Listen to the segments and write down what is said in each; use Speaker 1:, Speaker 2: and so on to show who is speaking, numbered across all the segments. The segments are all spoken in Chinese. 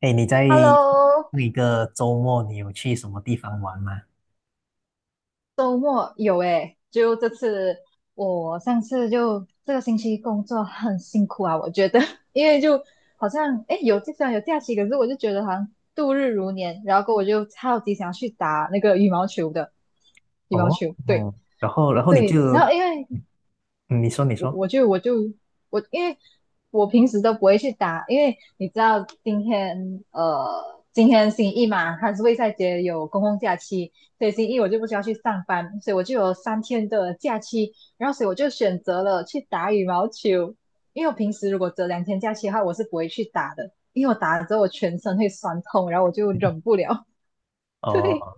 Speaker 1: 哎，你在那
Speaker 2: Hello，
Speaker 1: 一个周末你有去什么地方玩吗？
Speaker 2: 周末有诶，就这次我上次就这个星期工作很辛苦啊，我觉得，因为就好像虽然有假期，可是我就觉得好像度日如年，然后过后我就超级想要去打那个羽毛球的羽毛
Speaker 1: 哦。
Speaker 2: 球，对
Speaker 1: 哦，然后你
Speaker 2: 对，然
Speaker 1: 就，
Speaker 2: 后因为
Speaker 1: 嗯你说你
Speaker 2: 我
Speaker 1: 说，
Speaker 2: 我就我就我，因为我平时都不会去打，因为你知道今天星期一嘛，它是卫赛节有公共假期，所以星期一我就不需要去上班，所以我就有三天的假期，然后所以我就选择了去打羽毛球，因为我平时如果只有两天假期的话，我是不会去打的，因为我打了之后我全身会酸痛，然后我就忍不了。对
Speaker 1: 哦。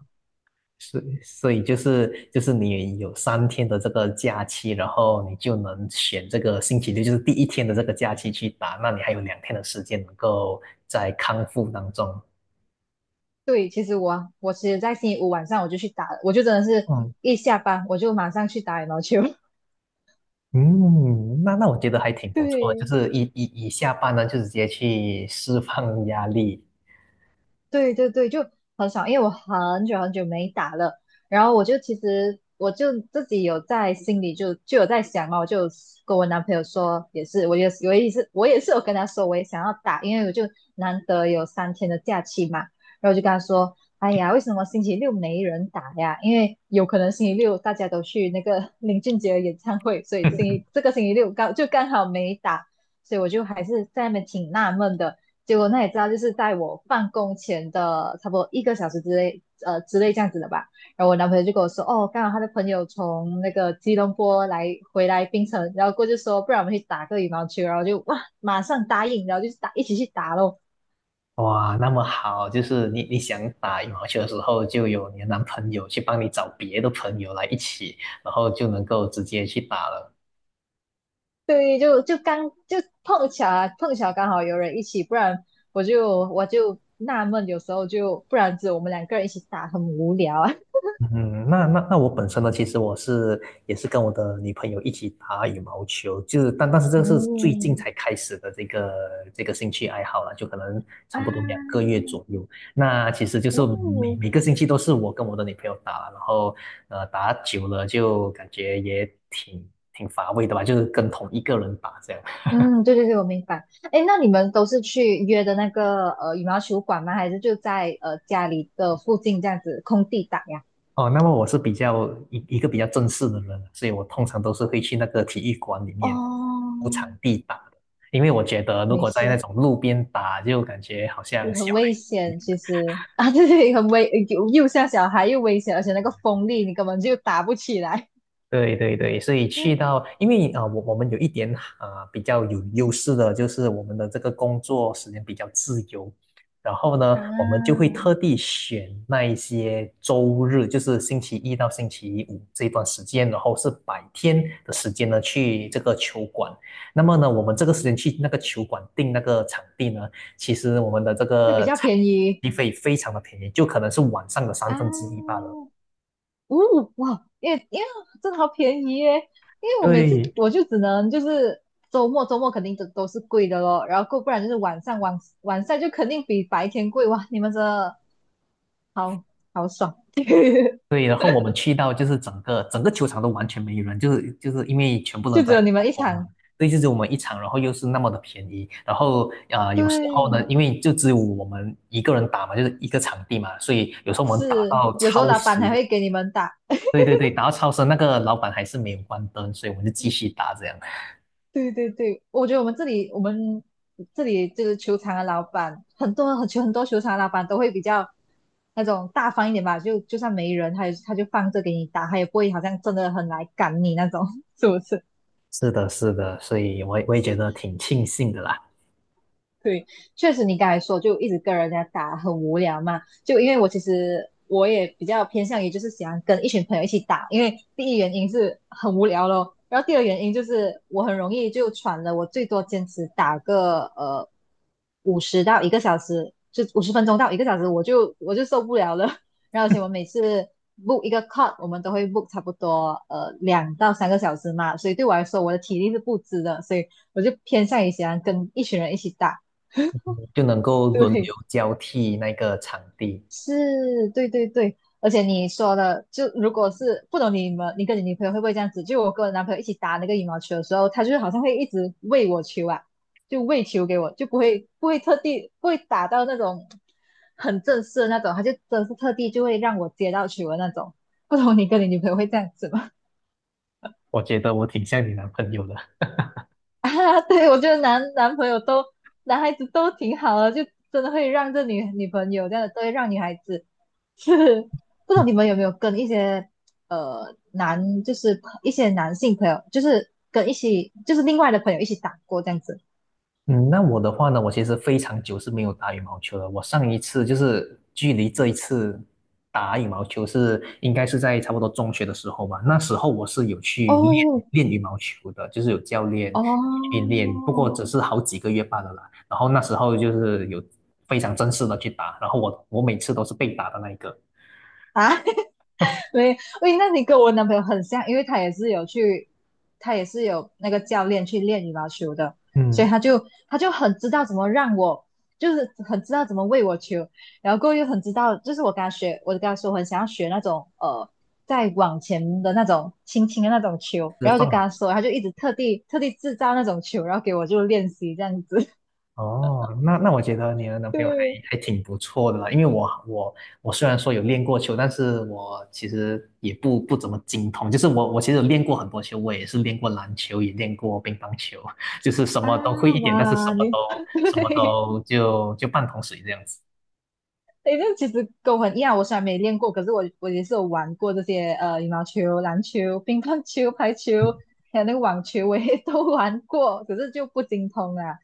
Speaker 1: 是，所以就是你有三天的这个假期，然后你就能选这个星期六，就是第一天的这个假期去打，那你还有两天的时间能够在康复当中。
Speaker 2: 对，其实我其实在星期五晚上我就去打了，我就真的是
Speaker 1: 嗯
Speaker 2: 一下班我就马上去打羽毛球。
Speaker 1: 嗯，那我觉得还挺不错的，就
Speaker 2: 对
Speaker 1: 是一下班呢，就直接去释放压力。
Speaker 2: 对，就很少，因为我很久没打了。然后我就其实我就自己有在心里就有在想嘛，我就跟我男朋友说，也是，我也是，我也是，我也是有跟他说，我也想要打，因为我就难得有三天的假期嘛。然后我就跟他说，哎呀，为什么星期六没人打呀？因为有可能星期六大家都去那个 林俊杰的演唱会，所以星期六刚好没打，所以我就还是在那边挺纳闷的。结果那也知道，就是在我办公前的差不多一个小时之内，之类这样子的吧。然后我男朋友就跟我说，哦，刚好他的朋友从那个吉隆坡回来槟城，然后过去说，不然我们去打个羽毛球，然后就哇，马上答应，然后就打一起去打咯。
Speaker 1: 哇，那么好，就是你想打羽毛球的时候，就有你的男朋友去帮你找别的朋友来一起，然后就能够直接去打了。
Speaker 2: 对，就就刚就碰巧啊，碰巧刚好有人一起，不然我就纳闷，有时候就不然只有我们两个人一起打很无聊啊。
Speaker 1: 嗯，那我本身呢，其实我是也是跟我的女朋友一起打羽毛球，就是但是这 个是最近
Speaker 2: 嗯
Speaker 1: 才开始的这个兴趣爱好了，就可能差
Speaker 2: 啊，
Speaker 1: 不多两个月左右。那其实就是每
Speaker 2: 哦，
Speaker 1: 每个星期都是我跟我的女朋友打，然后打久了就感觉也挺乏味的吧，就是跟同一个人打这样。
Speaker 2: 嗯，对对对，我明白。哎，那你们都是去约的那个羽毛球馆吗？还是就在家里的附近这样子空地打呀？
Speaker 1: 哦，那么我是比较一个比较正式的人，所以我通常都是会去那个体育馆里面
Speaker 2: 哦，
Speaker 1: 租场地打的，因为我觉得如
Speaker 2: 没
Speaker 1: 果在那
Speaker 2: 事，
Speaker 1: 种路边打，就感觉好像
Speaker 2: 很
Speaker 1: 小。
Speaker 2: 危险，其实啊，对对，很危，又像小孩又危险，而且那个风力你根本就打不起来。
Speaker 1: 对对对，所以 去
Speaker 2: 对
Speaker 1: 到，因为我我们有一点比较有优势的，就是我们的这个工作时间比较自由，然后呢，我们就会
Speaker 2: 啊，
Speaker 1: 特地选那一些周日，就是星期一到星期五这段时间，然后是白天的时间呢，去这个球馆。那么呢，我们这个时间去那个球馆订那个场地呢，其实我们的这
Speaker 2: 会比
Speaker 1: 个
Speaker 2: 较
Speaker 1: 场
Speaker 2: 便宜
Speaker 1: 地费非常的便宜，就可能是晚上的三分之一罢
Speaker 2: 啊。
Speaker 1: 了。
Speaker 2: 哦，哇，因为真的好便宜耶！因为我每次
Speaker 1: 对。
Speaker 2: 我就只能就是周末肯定都是贵的咯，然后够不然就是晚上就肯定比白天贵哇！你们真的好好爽，
Speaker 1: 对，然后我们去到就是整个球场都完全没有人，就是因为全部人
Speaker 2: 就
Speaker 1: 都
Speaker 2: 只
Speaker 1: 在
Speaker 2: 有你
Speaker 1: 做
Speaker 2: 们一
Speaker 1: 工嘛。
Speaker 2: 场，
Speaker 1: 对，就只有我们一场，然后又是那么的便宜，然后有时候呢，
Speaker 2: 对，
Speaker 1: 因为就只有我们一个人打嘛，就是一个场地嘛，所以有时候我们打
Speaker 2: 是
Speaker 1: 到
Speaker 2: 有时候
Speaker 1: 超
Speaker 2: 老板
Speaker 1: 时，
Speaker 2: 还会给你们打
Speaker 1: 对对对，打到超时，那个老板还是没有关灯，所以我们就继续打这样。
Speaker 2: 对对对，我觉得我们这里，这个球场的老板，很多球场的老板都会比较那种大方一点吧，就算没人，他就放着给你打，他也不会好像真的很来赶你那种，是不是？
Speaker 1: 是的，是的，所以我也觉得挺庆幸的啦，
Speaker 2: 对，确实你刚才说就一直跟人家打很无聊嘛，就因为我其实我也比较偏向于就是喜欢跟一群朋友一起打，因为第一原因是很无聊咯，然后第二原因就是我很容易就喘了，我最多坚持打个五十到一个小时，就五十分钟到一个小时，我就受不了了。然后而且我每次 book 一个 cut，我们都会 book 差不多两到三个小时嘛，所以对我来说我的体力是不支的，所以我就偏向于喜欢跟一群人一起打。
Speaker 1: 就能够 轮
Speaker 2: 对，
Speaker 1: 流交替那个场地，
Speaker 2: 是，对对对，而且你说的，就如果是不懂你们，你跟你女朋友会不会这样子？就我跟我男朋友一起打那个羽毛球的时候，他就是好像会一直喂我球啊，就喂球给我，就不会不会特地不会打到那种很正式的那种，他就真的是特地就会让我接到球的那种。不懂你跟你女朋友会这样子吗？
Speaker 1: 我觉得我挺像你男朋友的。
Speaker 2: 啊，对，我觉得男朋友都男孩子都挺好的，就真的会让女朋友这样的，都会让女孩子。是，不知道你们有没有跟一些男，就是一些男性朋友，就是跟一起，就是另外的朋友一起打过这样子。
Speaker 1: 嗯，那我的话呢，我其实非常久是没有打羽毛球了。我上一次就是距离这一次打羽毛球是应该是在差不多中学的时候吧。那时候我是有去练
Speaker 2: 哦
Speaker 1: 练羽毛球的，就是有教练
Speaker 2: 哦
Speaker 1: 去练，不过只是好几个月罢了啦。然后那时候就是有非常正式的去打，然后我每次都是被打的那一个，
Speaker 2: 啊，对，喂，那你跟我男朋友很像，因为他也是有去，他也是有那个教练去练羽毛球的，所以
Speaker 1: 嗯，
Speaker 2: 他就很知道怎么让我，就是很知道怎么喂我球，然后过后又很知道，就是我跟他学，我就跟他说我很想要学那种再往前的那种轻轻的那种球，
Speaker 1: 是
Speaker 2: 然后我
Speaker 1: 放。
Speaker 2: 就跟他说，他就一直特地制造那种球，然后给我就练习这样子。
Speaker 1: 哦，那那我觉得你的男朋友还
Speaker 2: 对
Speaker 1: 还挺不错的啦，因为我虽然说有练过球，但是我其实也不怎么精通，就是我其实有练过很多球，我也是练过篮球，也练过乒乓球，就是什么都会
Speaker 2: 啊，
Speaker 1: 一点，但是什
Speaker 2: 哇，
Speaker 1: 么
Speaker 2: 你
Speaker 1: 都 什么
Speaker 2: 对。
Speaker 1: 都就半桶水这样子。
Speaker 2: 诶，这其实跟我很一样，我虽然没练过，可是我也是有玩过这些羽毛球、篮球、乒乓球、排球，还有那个网球，我也 都玩过，可是就不精通啊。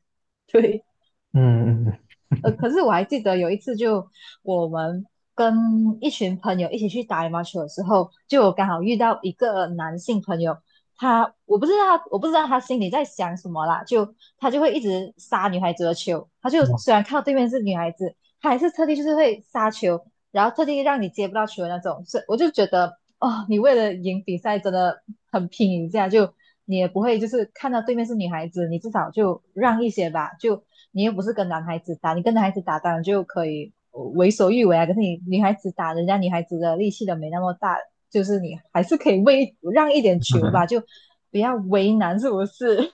Speaker 2: 对，
Speaker 1: 嗯。嗯。
Speaker 2: 可是我还记得有一次就，我们跟一群朋友一起去打羽毛球的时候，就我刚好遇到一个男性朋友，他我不知道他心里在想什么啦，就他就会一直杀女孩子的球，他就
Speaker 1: 嗯，哇
Speaker 2: 虽然看到对面是女孩子，他还是特地就是会杀球。然后特地让你接不到球的那种，是我就觉得哦，你为了赢比赛真的很拼一下，就你也不会就是看到对面是女孩子，你至少就让一些吧，就你又不是跟男孩子打，你跟男孩子打当然就可以为所欲为啊，可是你女孩子打人家女孩子的力气都没那么大，就是你还是可以为让一点球吧，就不要为难，是不是？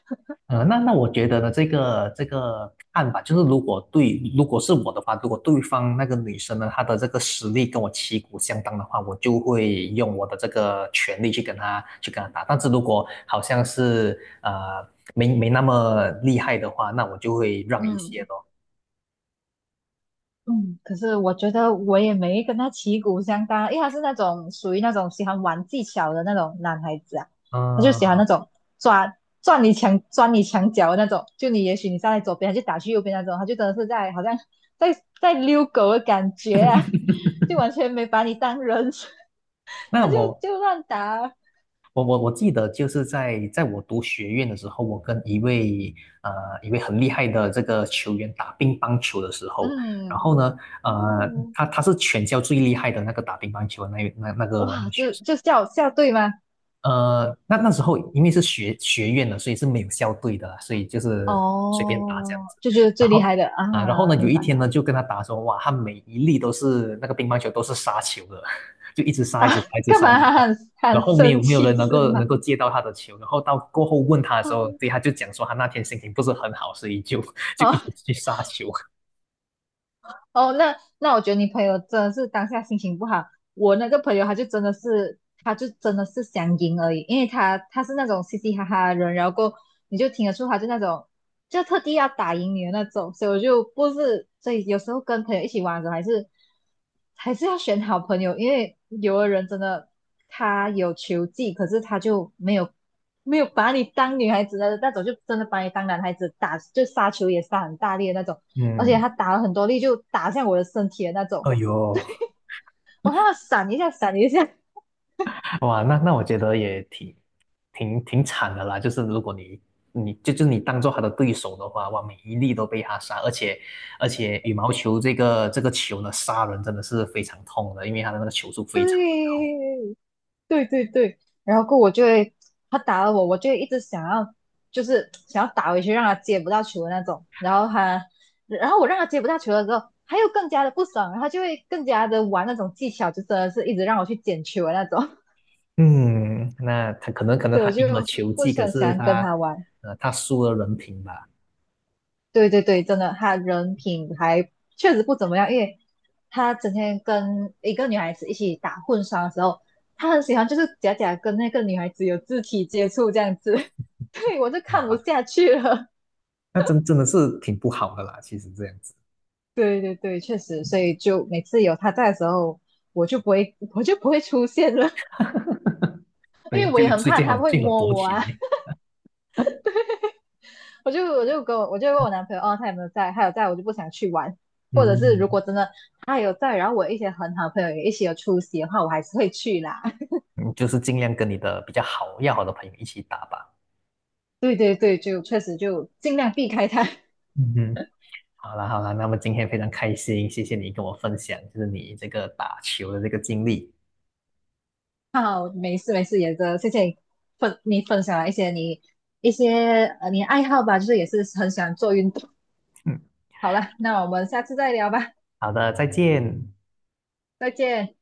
Speaker 1: 那那我觉得呢，这个这个看法就是如果对，如果是我的话，如果对方那个女生呢，她的这个实力跟我旗鼓相当的话，我就会用我的这个权利去跟她打。但是如果好像是没没那么厉害的话，那我就会 让一些
Speaker 2: 嗯，
Speaker 1: 咯。
Speaker 2: 嗯，可是我觉得我也没跟他旗鼓相当，因为他是那种属于那种喜欢玩技巧的那种男孩子啊，他就喜欢
Speaker 1: 嗯，
Speaker 2: 那种抓转你墙钻你墙角的那种，就你也许你站在左边，他就打去右边那种，他就真的是好像在在遛狗的感觉啊，就完全没把你当人，
Speaker 1: 那
Speaker 2: 他就
Speaker 1: 我
Speaker 2: 就乱打，
Speaker 1: 我我我记得就是在我读学院的时候，我跟一位呃一位很厉害的这个球员打乒乓球的时候，然
Speaker 2: 嗯，
Speaker 1: 后呢，呃，
Speaker 2: 哦，
Speaker 1: 他是全校最厉害的那个打乒乓球的那那那个那
Speaker 2: 哇，
Speaker 1: 个学
Speaker 2: 就
Speaker 1: 生。
Speaker 2: 就叫校队吗？
Speaker 1: 呃，那那时候因为是学院的，所以是没有校队的所以就是随便打这样
Speaker 2: 哦，
Speaker 1: 子。
Speaker 2: 就觉得最
Speaker 1: 然
Speaker 2: 厉
Speaker 1: 后。
Speaker 2: 害的
Speaker 1: 啊，然后呢，
Speaker 2: 啊，
Speaker 1: 有
Speaker 2: 明
Speaker 1: 一
Speaker 2: 白。
Speaker 1: 天呢，就跟他打说，哇，他每一粒都是那个乒乓球都是杀球的，就一直杀，
Speaker 2: 啊，
Speaker 1: 一直杀，一直
Speaker 2: 干
Speaker 1: 杀，一直
Speaker 2: 嘛还
Speaker 1: 杀。然
Speaker 2: 很
Speaker 1: 后没
Speaker 2: 生
Speaker 1: 有没有
Speaker 2: 气
Speaker 1: 人能
Speaker 2: 是
Speaker 1: 够
Speaker 2: 吗？
Speaker 1: 能够接到他的球，然后到过后问他的时候，
Speaker 2: 哦，
Speaker 1: 对，他就讲说他那天心情不是很好，所以就 就一
Speaker 2: 哦
Speaker 1: 直去杀球。
Speaker 2: 哦，那那我觉得你朋友真的是当下心情不好。我那个朋友他就真的是，他就真的是想赢而已，因为他他是那种嘻嘻哈哈的人，然后过后你就听得出他就那种就特地要打赢你的那种，所以我就不是，所以有时候跟朋友一起玩的时候还是要选好朋友，因为有的人真的他有球技，可是他就没有没有把你当女孩子的那种，就真的把你当男孩子打，就杀球也杀很大力的那种。而且
Speaker 1: 嗯。
Speaker 2: 他打了很多力，就打向我的身体的那种。
Speaker 1: 哎呦，
Speaker 2: 我看到闪一下，闪一下，
Speaker 1: 哇，那那我觉得也挺惨的啦。就是如果你你就就你当做他的对手的话，哇，每一粒都被他杀，而且羽毛球这个球呢，杀人真的是非常痛的，因为他的那个球速非常。
Speaker 2: 对，对对对。然后过我就会，他打了我，我就一直想要，就是想要打回去，让他接不到球的那种。然后他，然后我让他接不到球的时候，他又更加的不爽，然后他就会更加的玩那种技巧，就真的是一直让我去捡球的那种。
Speaker 1: 嗯，那他可能
Speaker 2: 所以我
Speaker 1: 他
Speaker 2: 就
Speaker 1: 赢了球
Speaker 2: 不
Speaker 1: 技，
Speaker 2: 是
Speaker 1: 可
Speaker 2: 很喜
Speaker 1: 是
Speaker 2: 欢跟
Speaker 1: 他
Speaker 2: 他玩。
Speaker 1: 他输了人品吧。
Speaker 2: 对对对，真的，他人品还确实不怎么样，因为他整天跟一个女孩子一起打混双的时候，他很喜欢就是假假跟那个女孩子有肢体接触这样子，对，我就看
Speaker 1: 哇，
Speaker 2: 不下去了。
Speaker 1: 那真真的是挺不好的啦。其实这样子，
Speaker 2: 对对对，确实，所以就每次有他在的时候，我就不会出现了，因
Speaker 1: 对，
Speaker 2: 为我
Speaker 1: 就
Speaker 2: 也很
Speaker 1: 最
Speaker 2: 怕
Speaker 1: 最好
Speaker 2: 他会
Speaker 1: 最好
Speaker 2: 摸
Speaker 1: 躲
Speaker 2: 我
Speaker 1: 起
Speaker 2: 啊。
Speaker 1: 来。
Speaker 2: 我就问我男朋友，哦，他有没有在？他有在，我就不想去玩。或者是
Speaker 1: 嗯。
Speaker 2: 如果真的他有在，然后我一些很好的朋友也一起有出席的话，我还是会去啦。
Speaker 1: 嗯就是尽量跟你的比较好要好的朋友一起打吧。
Speaker 2: 对对对，就确实就尽量避开他。
Speaker 1: 嗯哼。好啦好啦，那么今天非常开心，谢谢你跟我分享，就是你这个打球的这个经历。
Speaker 2: 好，没事没事，也的，谢谢你你分享了一些你一些你爱好吧，就是也是很喜欢做运动。
Speaker 1: 嗯，
Speaker 2: 好了，那我们下次再聊吧，
Speaker 1: 好的，再见。
Speaker 2: 再见。